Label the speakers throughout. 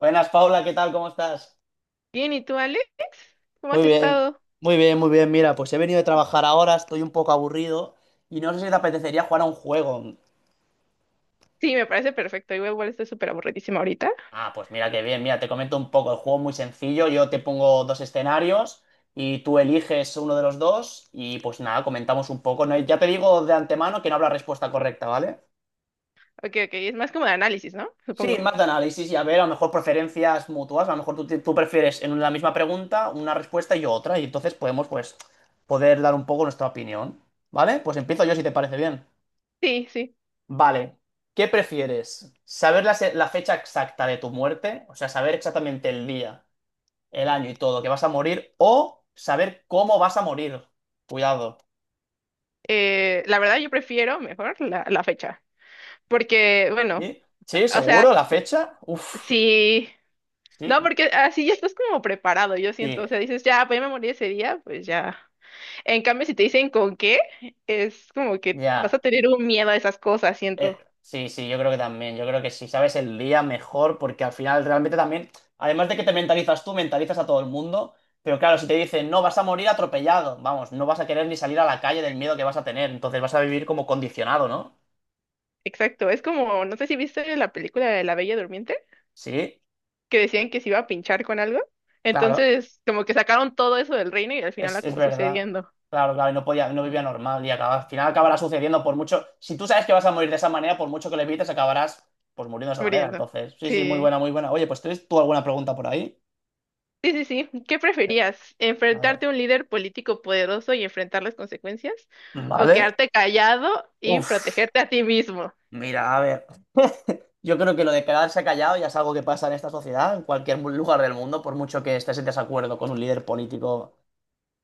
Speaker 1: Buenas, Paula, ¿qué tal? ¿Cómo estás?
Speaker 2: Bien, ¿y tú, Alex? ¿Cómo has
Speaker 1: Muy bien,
Speaker 2: estado?
Speaker 1: muy bien, muy bien. Mira, pues he venido de trabajar ahora, estoy un poco aburrido y no sé si te apetecería jugar a un juego.
Speaker 2: Sí, me parece perfecto. Igual, igual estoy súper aburridísima ahorita.
Speaker 1: Ah, pues mira qué bien, mira, te comento un poco, el juego es muy sencillo, yo te pongo dos escenarios y tú eliges uno de los dos y pues nada, comentamos un poco. No hay- Ya te digo de antemano que no habrá respuesta correcta, ¿vale?
Speaker 2: Ok, ok, es más como de análisis, ¿no?
Speaker 1: Sí,
Speaker 2: Supongo.
Speaker 1: más de análisis y a ver, a lo mejor preferencias mutuas, a lo mejor tú prefieres en la misma pregunta una respuesta y yo otra, y entonces podemos pues poder dar un poco nuestra opinión, ¿vale? Pues empiezo yo si te parece bien.
Speaker 2: Sí, sí.
Speaker 1: Vale, ¿qué prefieres? ¿Saber la fecha exacta de tu muerte? O sea, saber exactamente el día, el año y todo que vas a morir, o saber cómo vas a morir. Cuidado.
Speaker 2: La verdad, yo prefiero mejor la fecha, porque, bueno,
Speaker 1: ¿Sí? ¿Sí?
Speaker 2: o sea,
Speaker 1: ¿Seguro? ¿La fecha? Uf,
Speaker 2: si
Speaker 1: sí,
Speaker 2: no, porque así ya estás como preparado, yo siento,
Speaker 1: sí,
Speaker 2: o sea, dices, ya, pues ya me morí ese día, pues ya. En cambio, si te dicen con qué, es como que vas a
Speaker 1: ya.
Speaker 2: tener un miedo a esas cosas, siento.
Speaker 1: Sí, sí, yo creo que también. Yo creo que si sabes el día mejor, porque al final realmente también, además de que te mentalizas tú, mentalizas a todo el mundo. Pero claro, si te dicen, no, vas a morir atropellado, vamos, no vas a querer ni salir a la calle del miedo que vas a tener. Entonces vas a vivir como condicionado, ¿no?
Speaker 2: Exacto, es como, no sé si viste la película de La Bella Durmiente,
Speaker 1: Sí,
Speaker 2: que decían que se iba a pinchar con algo,
Speaker 1: claro,
Speaker 2: entonces como que sacaron todo eso del reino y al final
Speaker 1: es
Speaker 2: acabó
Speaker 1: verdad.
Speaker 2: sucediendo,
Speaker 1: Claro, claro, y no podía, no vivía normal y acaba, al final acabará sucediendo por mucho. Si tú sabes que vas a morir de esa manera, por mucho que le evites, acabarás pues muriendo de esa manera.
Speaker 2: muriendo.
Speaker 1: Entonces, sí, sí, muy
Speaker 2: Sí.
Speaker 1: buena, muy buena. Oye, pues ¿tienes tú alguna pregunta por ahí?
Speaker 2: Sí, sí, sí. ¿Qué preferías?
Speaker 1: A ver.
Speaker 2: ¿Enfrentarte a un líder político poderoso y enfrentar las consecuencias? ¿O
Speaker 1: Vale.
Speaker 2: quedarte callado y
Speaker 1: Uf.
Speaker 2: protegerte a ti mismo?
Speaker 1: Mira, a ver, yo creo que lo de quedarse callado ya es algo que pasa en esta sociedad, en cualquier lugar del mundo, por mucho que estés en desacuerdo con un líder político.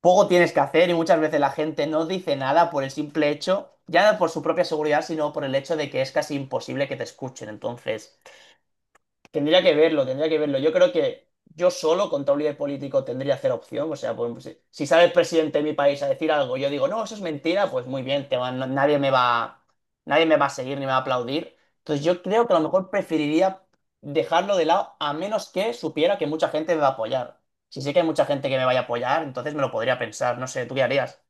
Speaker 1: Poco tienes que hacer y muchas veces la gente no dice nada por el simple hecho, ya no por su propia seguridad, sino por el hecho de que es casi imposible que te escuchen. Entonces, tendría que verlo, tendría que verlo. Yo creo que yo solo contra un líder político tendría cero opción. O sea, pues, si sale el presidente de mi país a decir algo, yo digo, no, eso es mentira, pues muy bien, te va- no- nadie me va, nadie me va a seguir ni me va a aplaudir. Entonces yo creo que a lo mejor preferiría dejarlo de lado a menos que supiera que mucha gente me va a apoyar. Si sé que hay mucha gente que me vaya a apoyar, entonces me lo podría pensar. No sé, ¿tú qué harías?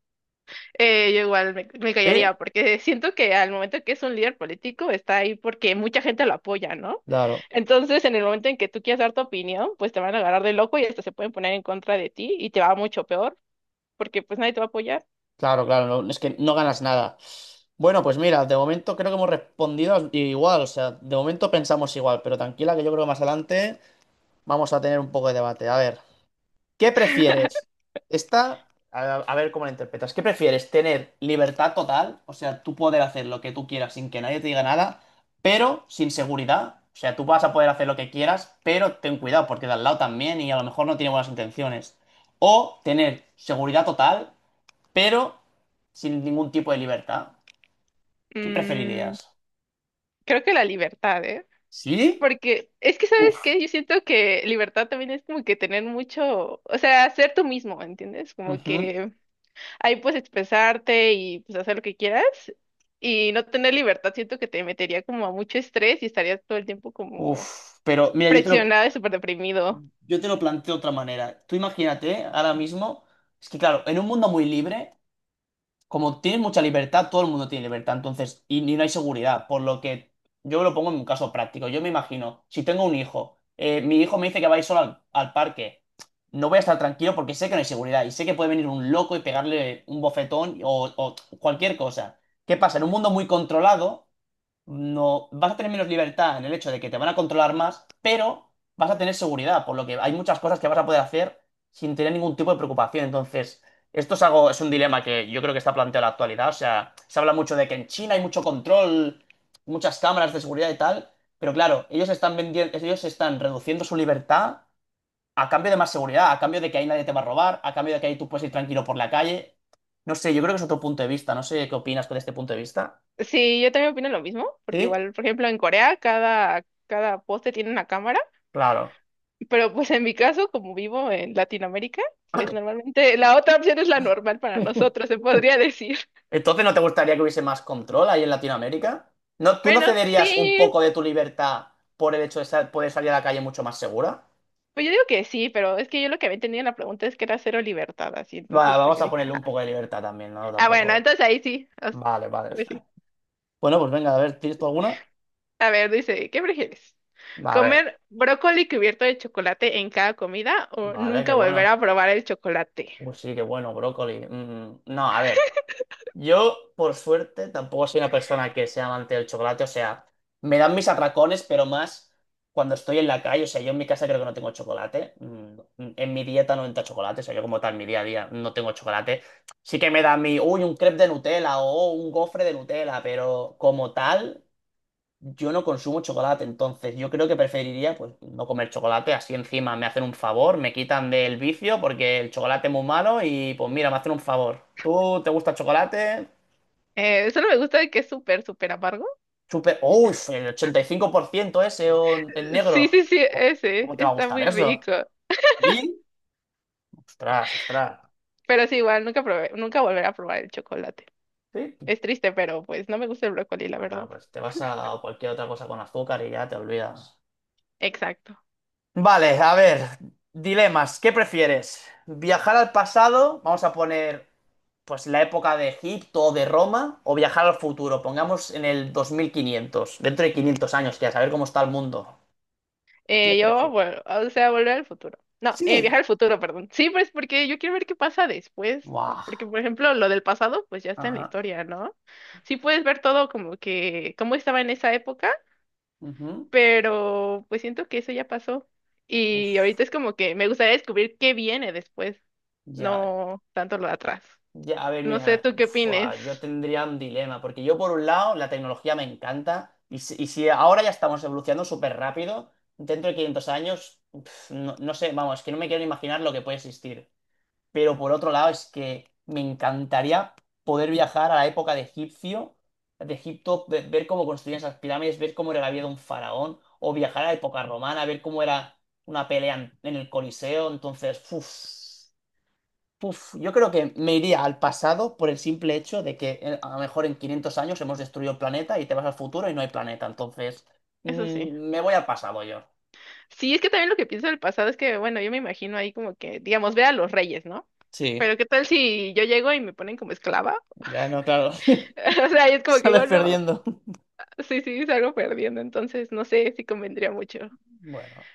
Speaker 2: Yo igual me
Speaker 1: Sí.
Speaker 2: callaría porque siento que al momento que es un líder político está ahí porque mucha gente lo apoya, ¿no?
Speaker 1: Claro.
Speaker 2: Entonces, en el momento en que tú quieras dar tu opinión, pues te van a agarrar de loco y hasta se pueden poner en contra de ti y te va mucho peor porque pues nadie te va a apoyar.
Speaker 1: Claro, claro, es que no ganas nada. Bueno, pues mira, de momento creo que hemos respondido igual, o sea, de momento pensamos igual, pero tranquila que yo creo que más adelante vamos a tener un poco de debate. A ver, ¿qué prefieres? Esta, a ver cómo la interpretas. ¿Qué prefieres? ¿Tener libertad total? O sea, tú poder hacer lo que tú quieras sin que nadie te diga nada, pero sin seguridad. O sea, tú vas a poder hacer lo que quieras, pero ten cuidado porque de al lado también y a lo mejor no tiene buenas intenciones. O tener seguridad total pero sin ningún tipo de libertad. ¿Qué
Speaker 2: Mm,
Speaker 1: preferirías?
Speaker 2: creo que la libertad, ¿eh?
Speaker 1: ¿Sí?
Speaker 2: Porque es que,
Speaker 1: Uf,
Speaker 2: ¿sabes qué? Yo siento que libertad también es como que tener mucho, o sea, ser tú mismo, ¿entiendes? Como
Speaker 1: ujú,
Speaker 2: que ahí puedes expresarte y pues hacer lo que quieras. Y no tener libertad siento que te metería como a mucho estrés y estarías todo el tiempo como
Speaker 1: uf. Pero mira,
Speaker 2: presionado y súper deprimido.
Speaker 1: yo te lo planteo de otra manera. Tú imagínate ahora mismo, es que claro, en un mundo muy libre, como tienes mucha libertad, todo el mundo tiene libertad, entonces, y no hay seguridad, por lo que yo lo pongo en un caso práctico. Yo me imagino, si tengo un hijo, mi hijo me dice que va a ir solo al parque, no voy a estar tranquilo porque sé que no hay seguridad y sé que puede venir un loco y pegarle un bofetón o cualquier cosa. ¿Qué pasa? En un mundo muy controlado no vas a tener menos libertad en el hecho de que te van a controlar más, pero vas a tener seguridad, por lo que hay muchas cosas que vas a poder hacer sin tener ningún tipo de preocupación. Entonces, esto es algo, es un dilema que yo creo que está planteado en la actualidad. O sea, se habla mucho de que en China hay mucho control, muchas cámaras de seguridad y tal, pero claro, ellos están vendiendo, ellos están reduciendo su libertad a cambio de más seguridad, a cambio de que ahí nadie te va a robar, a cambio de que ahí tú puedes ir tranquilo por la calle. No sé, yo creo que es otro punto de vista. No sé qué opinas con este punto de vista.
Speaker 2: Sí, yo también opino lo mismo, porque
Speaker 1: Sí,
Speaker 2: igual, por ejemplo, en Corea cada poste tiene una cámara,
Speaker 1: claro.
Speaker 2: pero pues en mi caso, como vivo en Latinoamérica, pues normalmente la otra opción es la normal para nosotros, se podría decir.
Speaker 1: Entonces, ¿no te gustaría que hubiese más control ahí en Latinoamérica? ¿No, tú no
Speaker 2: Bueno,
Speaker 1: cederías un
Speaker 2: sí,
Speaker 1: poco de tu libertad por el hecho de poder salir a la calle mucho más segura?
Speaker 2: pues yo digo que sí, pero es que yo lo que había entendido en la pregunta es que era cero libertad, así,
Speaker 1: Va,
Speaker 2: entonces pues
Speaker 1: vamos
Speaker 2: yo
Speaker 1: a
Speaker 2: dije,
Speaker 1: ponerle
Speaker 2: ah,
Speaker 1: un poco de libertad también, ¿no?
Speaker 2: ah, bueno,
Speaker 1: Tampoco.
Speaker 2: entonces ahí sí, as-
Speaker 1: Vale, vale.
Speaker 2: pues sí.
Speaker 1: Bueno, pues venga, a ver, ¿tienes tú alguna?
Speaker 2: A ver, dice, ¿qué prefieres?
Speaker 1: A ver.
Speaker 2: ¿Comer brócoli cubierto de chocolate en cada comida o
Speaker 1: Vale, qué
Speaker 2: nunca volver
Speaker 1: bueno.
Speaker 2: a probar el chocolate?
Speaker 1: Pues sí, qué bueno, brócoli. Mm, no, a ver. Yo, por suerte, tampoco soy una persona que sea amante del chocolate. O sea, me dan mis atracones, pero más cuando estoy en la calle. O sea, yo en mi casa creo que no tengo chocolate. En mi dieta no entra chocolate. O sea, yo como tal, mi día a día no tengo chocolate. Sí que me da mi, uy, un crepe de Nutella o un gofre de Nutella, pero como tal, yo no consumo chocolate. Entonces, yo creo que preferiría, pues, no comer chocolate. Así encima me hacen un favor, me quitan del vicio porque el chocolate es muy malo y, pues, mira, me hacen un favor. ¿Tú te gusta el chocolate?
Speaker 2: Solo me gusta de que es súper, súper amargo.
Speaker 1: Super, uy, el 85% ese o en
Speaker 2: Sí,
Speaker 1: negro.
Speaker 2: sí, sí,
Speaker 1: Oh,
Speaker 2: ese,
Speaker 1: ¿cómo te va a
Speaker 2: está
Speaker 1: gustar
Speaker 2: muy
Speaker 1: eso?
Speaker 2: rico,
Speaker 1: Ostras, ostras.
Speaker 2: pero sí, igual, nunca probé, nunca volver a probar el chocolate.
Speaker 1: Sí.
Speaker 2: Es triste, pero pues no me gusta el brócoli, la
Speaker 1: Bueno,
Speaker 2: verdad.
Speaker 1: pues te vas a cualquier otra cosa con azúcar y ya te olvidas.
Speaker 2: Exacto.
Speaker 1: Vale, a ver, dilemas. ¿Qué prefieres? ¿Viajar al pasado? Vamos a poner, pues, la época de Egipto o de Roma, o viajar al futuro, pongamos en el 2500 dentro de 500 años, que a saber cómo está el mundo. ¿Qué
Speaker 2: Yo,
Speaker 1: prefieres?
Speaker 2: bueno, ah, o sea, volver al futuro. No,
Speaker 1: Sí.
Speaker 2: viajar al futuro, perdón. Sí, pues porque yo quiero ver qué pasa después.
Speaker 1: Buah.
Speaker 2: Porque, por ejemplo, lo del pasado, pues ya está en la
Speaker 1: Ajá.
Speaker 2: historia, ¿no? Sí puedes ver todo como que, cómo estaba en esa época,
Speaker 1: Ujú.
Speaker 2: pero pues siento que eso ya pasó. Y
Speaker 1: Uf.
Speaker 2: ahorita es como que me gustaría descubrir qué viene después,
Speaker 1: Ya.
Speaker 2: no tanto lo de atrás.
Speaker 1: Ya, a ver,
Speaker 2: No sé,
Speaker 1: mira,
Speaker 2: ¿tú qué
Speaker 1: fua,
Speaker 2: opines?
Speaker 1: yo tendría un dilema, porque yo por un lado la tecnología me encanta, y si ahora ya estamos evolucionando súper rápido, dentro de 500 años, pf, no, no sé, vamos, es que no me quiero ni imaginar lo que puede existir. Pero por otro lado es que me encantaría poder viajar a la época de Egipcio, de Egipto, ver cómo construían esas pirámides, ver cómo era la vida de un faraón, o viajar a la época romana, ver cómo era una pelea en el Coliseo, entonces, uff. Uf, yo creo que me iría al pasado por el simple hecho de que a lo mejor en 500 años hemos destruido el planeta y te vas al futuro y no hay planeta. Entonces,
Speaker 2: Eso sí.
Speaker 1: mm, me voy al pasado yo.
Speaker 2: Sí, es que también lo que pienso del pasado es que, bueno, yo me imagino ahí como que, digamos, ve a los reyes, ¿no?
Speaker 1: Sí,
Speaker 2: Pero ¿qué tal si yo llego y me ponen como esclava?
Speaker 1: ya no, claro.
Speaker 2: O sea, es como que
Speaker 1: Sales
Speaker 2: digo, no,
Speaker 1: perdiendo.
Speaker 2: sí, sí, salgo perdiendo, entonces no sé si convendría mucho.
Speaker 1: Bueno,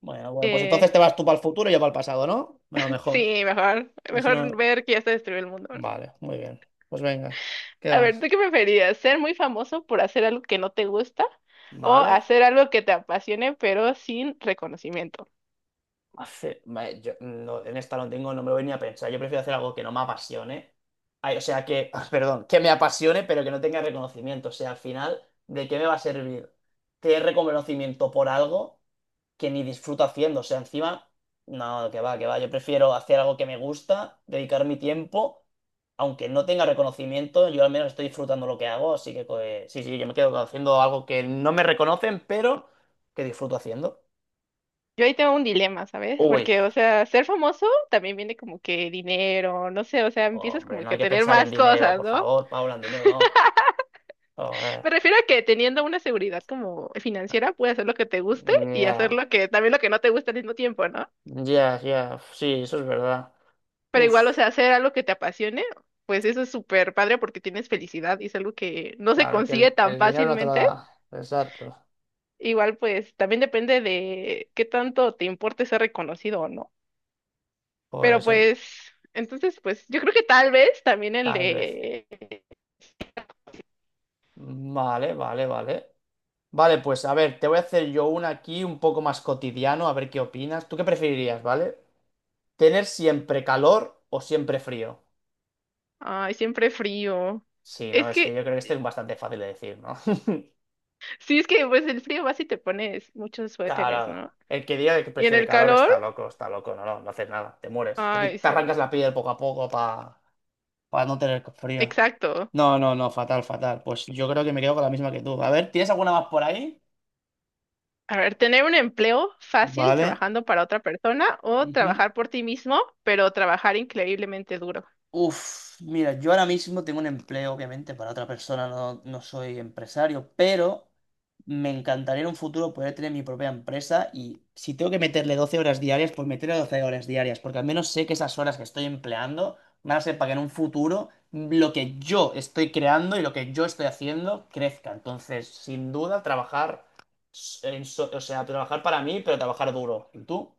Speaker 1: bueno, bueno, pues
Speaker 2: Eh,
Speaker 1: entonces te vas tú para el futuro y yo para el pasado, ¿no? Bueno, mejor.
Speaker 2: sí, mejor,
Speaker 1: Así
Speaker 2: mejor
Speaker 1: no.
Speaker 2: ver que ya se destruyó el mundo, ¿no?
Speaker 1: Vale, muy bien. Pues venga, ¿qué
Speaker 2: A ver,
Speaker 1: vas?
Speaker 2: ¿tú qué preferías? ¿Ser muy famoso por hacer algo que no te gusta o
Speaker 1: Vale.
Speaker 2: hacer algo que te apasione pero sin reconocimiento?
Speaker 1: Hace- me- yo no- En esta no tengo, no me lo voy ni a pensar. Yo prefiero hacer algo que no me apasione. Ay, o sea, que, perdón, que me apasione, pero que no tenga reconocimiento. O sea, al final, ¿de qué me va a servir tener reconocimiento por algo que ni disfruto haciendo? O sea, encima, no, que va, que va. Yo prefiero hacer algo que me gusta, dedicar mi tiempo, aunque no tenga reconocimiento, yo al menos estoy disfrutando lo que hago. Así que, pues, sí, sí, yo me quedo haciendo algo que no me reconocen, pero que disfruto haciendo.
Speaker 2: Yo ahí tengo un dilema, ¿sabes?
Speaker 1: Uy,
Speaker 2: Porque, o sea, ser famoso también viene como que dinero, no sé, o sea, empiezas
Speaker 1: hombre,
Speaker 2: como
Speaker 1: no
Speaker 2: que
Speaker 1: hay
Speaker 2: a
Speaker 1: que
Speaker 2: tener
Speaker 1: pensar en
Speaker 2: más
Speaker 1: dinero,
Speaker 2: cosas,
Speaker 1: por
Speaker 2: ¿no?
Speaker 1: favor, Paula, en dinero no. Joder.
Speaker 2: Me refiero a que teniendo una seguridad como financiera, puedes hacer lo que te guste y hacer
Speaker 1: Ya,
Speaker 2: lo que, también lo que no te gusta al mismo tiempo, ¿no?
Speaker 1: ya, ya. Sí, eso es verdad.
Speaker 2: Pero
Speaker 1: Uf,
Speaker 2: igual, o sea, hacer algo que te apasione, pues eso es súper padre porque tienes felicidad y es algo que no se
Speaker 1: claro, que
Speaker 2: consigue tan
Speaker 1: el dinero no te lo
Speaker 2: fácilmente.
Speaker 1: da. Exacto.
Speaker 2: Igual, pues, también depende de qué tanto te importe ser reconocido o no. Pero
Speaker 1: Pues
Speaker 2: pues, entonces, pues yo creo que tal vez también el
Speaker 1: tal vez.
Speaker 2: de.
Speaker 1: Vale, vale, vale. Vale, pues a ver, te voy a hacer yo una aquí un poco más cotidiano, a ver qué opinas. ¿Tú qué preferirías, vale? ¿Tener siempre calor o siempre frío?
Speaker 2: Ay, siempre frío.
Speaker 1: Sí, no,
Speaker 2: Es
Speaker 1: es que yo
Speaker 2: que,
Speaker 1: creo que este es bastante fácil de decir, ¿no?
Speaker 2: sí, es que pues el frío vas y te pones muchos suéteres,
Speaker 1: Claro.
Speaker 2: ¿no?
Speaker 1: El que diga que
Speaker 2: Y en
Speaker 1: prefiere
Speaker 2: el
Speaker 1: calor
Speaker 2: calor,
Speaker 1: está loco, no, no, no haces nada, te mueres.
Speaker 2: ay,
Speaker 1: Te
Speaker 2: sí,
Speaker 1: arrancas la piel poco a poco para no tener frío.
Speaker 2: exacto.
Speaker 1: No, no, no, fatal, fatal. Pues yo creo que me quedo con la misma que tú. A ver, ¿tienes alguna más por ahí?
Speaker 2: A ver, tener un empleo fácil
Speaker 1: Vale.
Speaker 2: trabajando para otra persona o
Speaker 1: Ujú.
Speaker 2: trabajar por ti mismo, pero trabajar increíblemente duro.
Speaker 1: Uf, mira, yo ahora mismo tengo un empleo, obviamente, para otra persona, no, no soy empresario, pero me encantaría en un futuro poder tener mi propia empresa y si tengo que meterle 12 horas diarias, pues meterle 12 horas diarias, porque al menos sé que esas horas que estoy empleando van a ser para que en un futuro lo que yo estoy creando y lo que yo estoy haciendo crezca. Entonces, sin duda, trabajar, o sea, trabajar para mí, pero trabajar duro. ¿Y tú?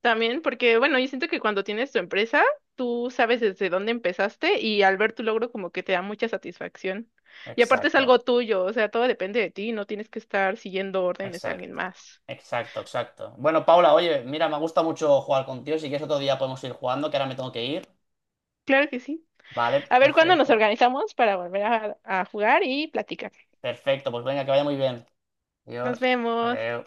Speaker 2: También porque, bueno, yo siento que cuando tienes tu empresa, tú sabes desde dónde empezaste y al ver tu logro como que te da mucha satisfacción. Y aparte es
Speaker 1: Exacto.
Speaker 2: algo tuyo, o sea, todo depende de ti, no tienes que estar siguiendo órdenes de alguien
Speaker 1: Exacto,
Speaker 2: más.
Speaker 1: exacto, exacto. Bueno, Paula, oye, mira, me gusta mucho jugar contigo. Si quieres otro día podemos ir jugando, que ahora me tengo que ir.
Speaker 2: Claro que sí.
Speaker 1: Vale,
Speaker 2: A ver cuándo nos
Speaker 1: perfecto.
Speaker 2: organizamos para volver a jugar y platicar.
Speaker 1: Perfecto, pues venga, que vaya muy bien.
Speaker 2: Nos
Speaker 1: Adiós.
Speaker 2: vemos.
Speaker 1: Adiós.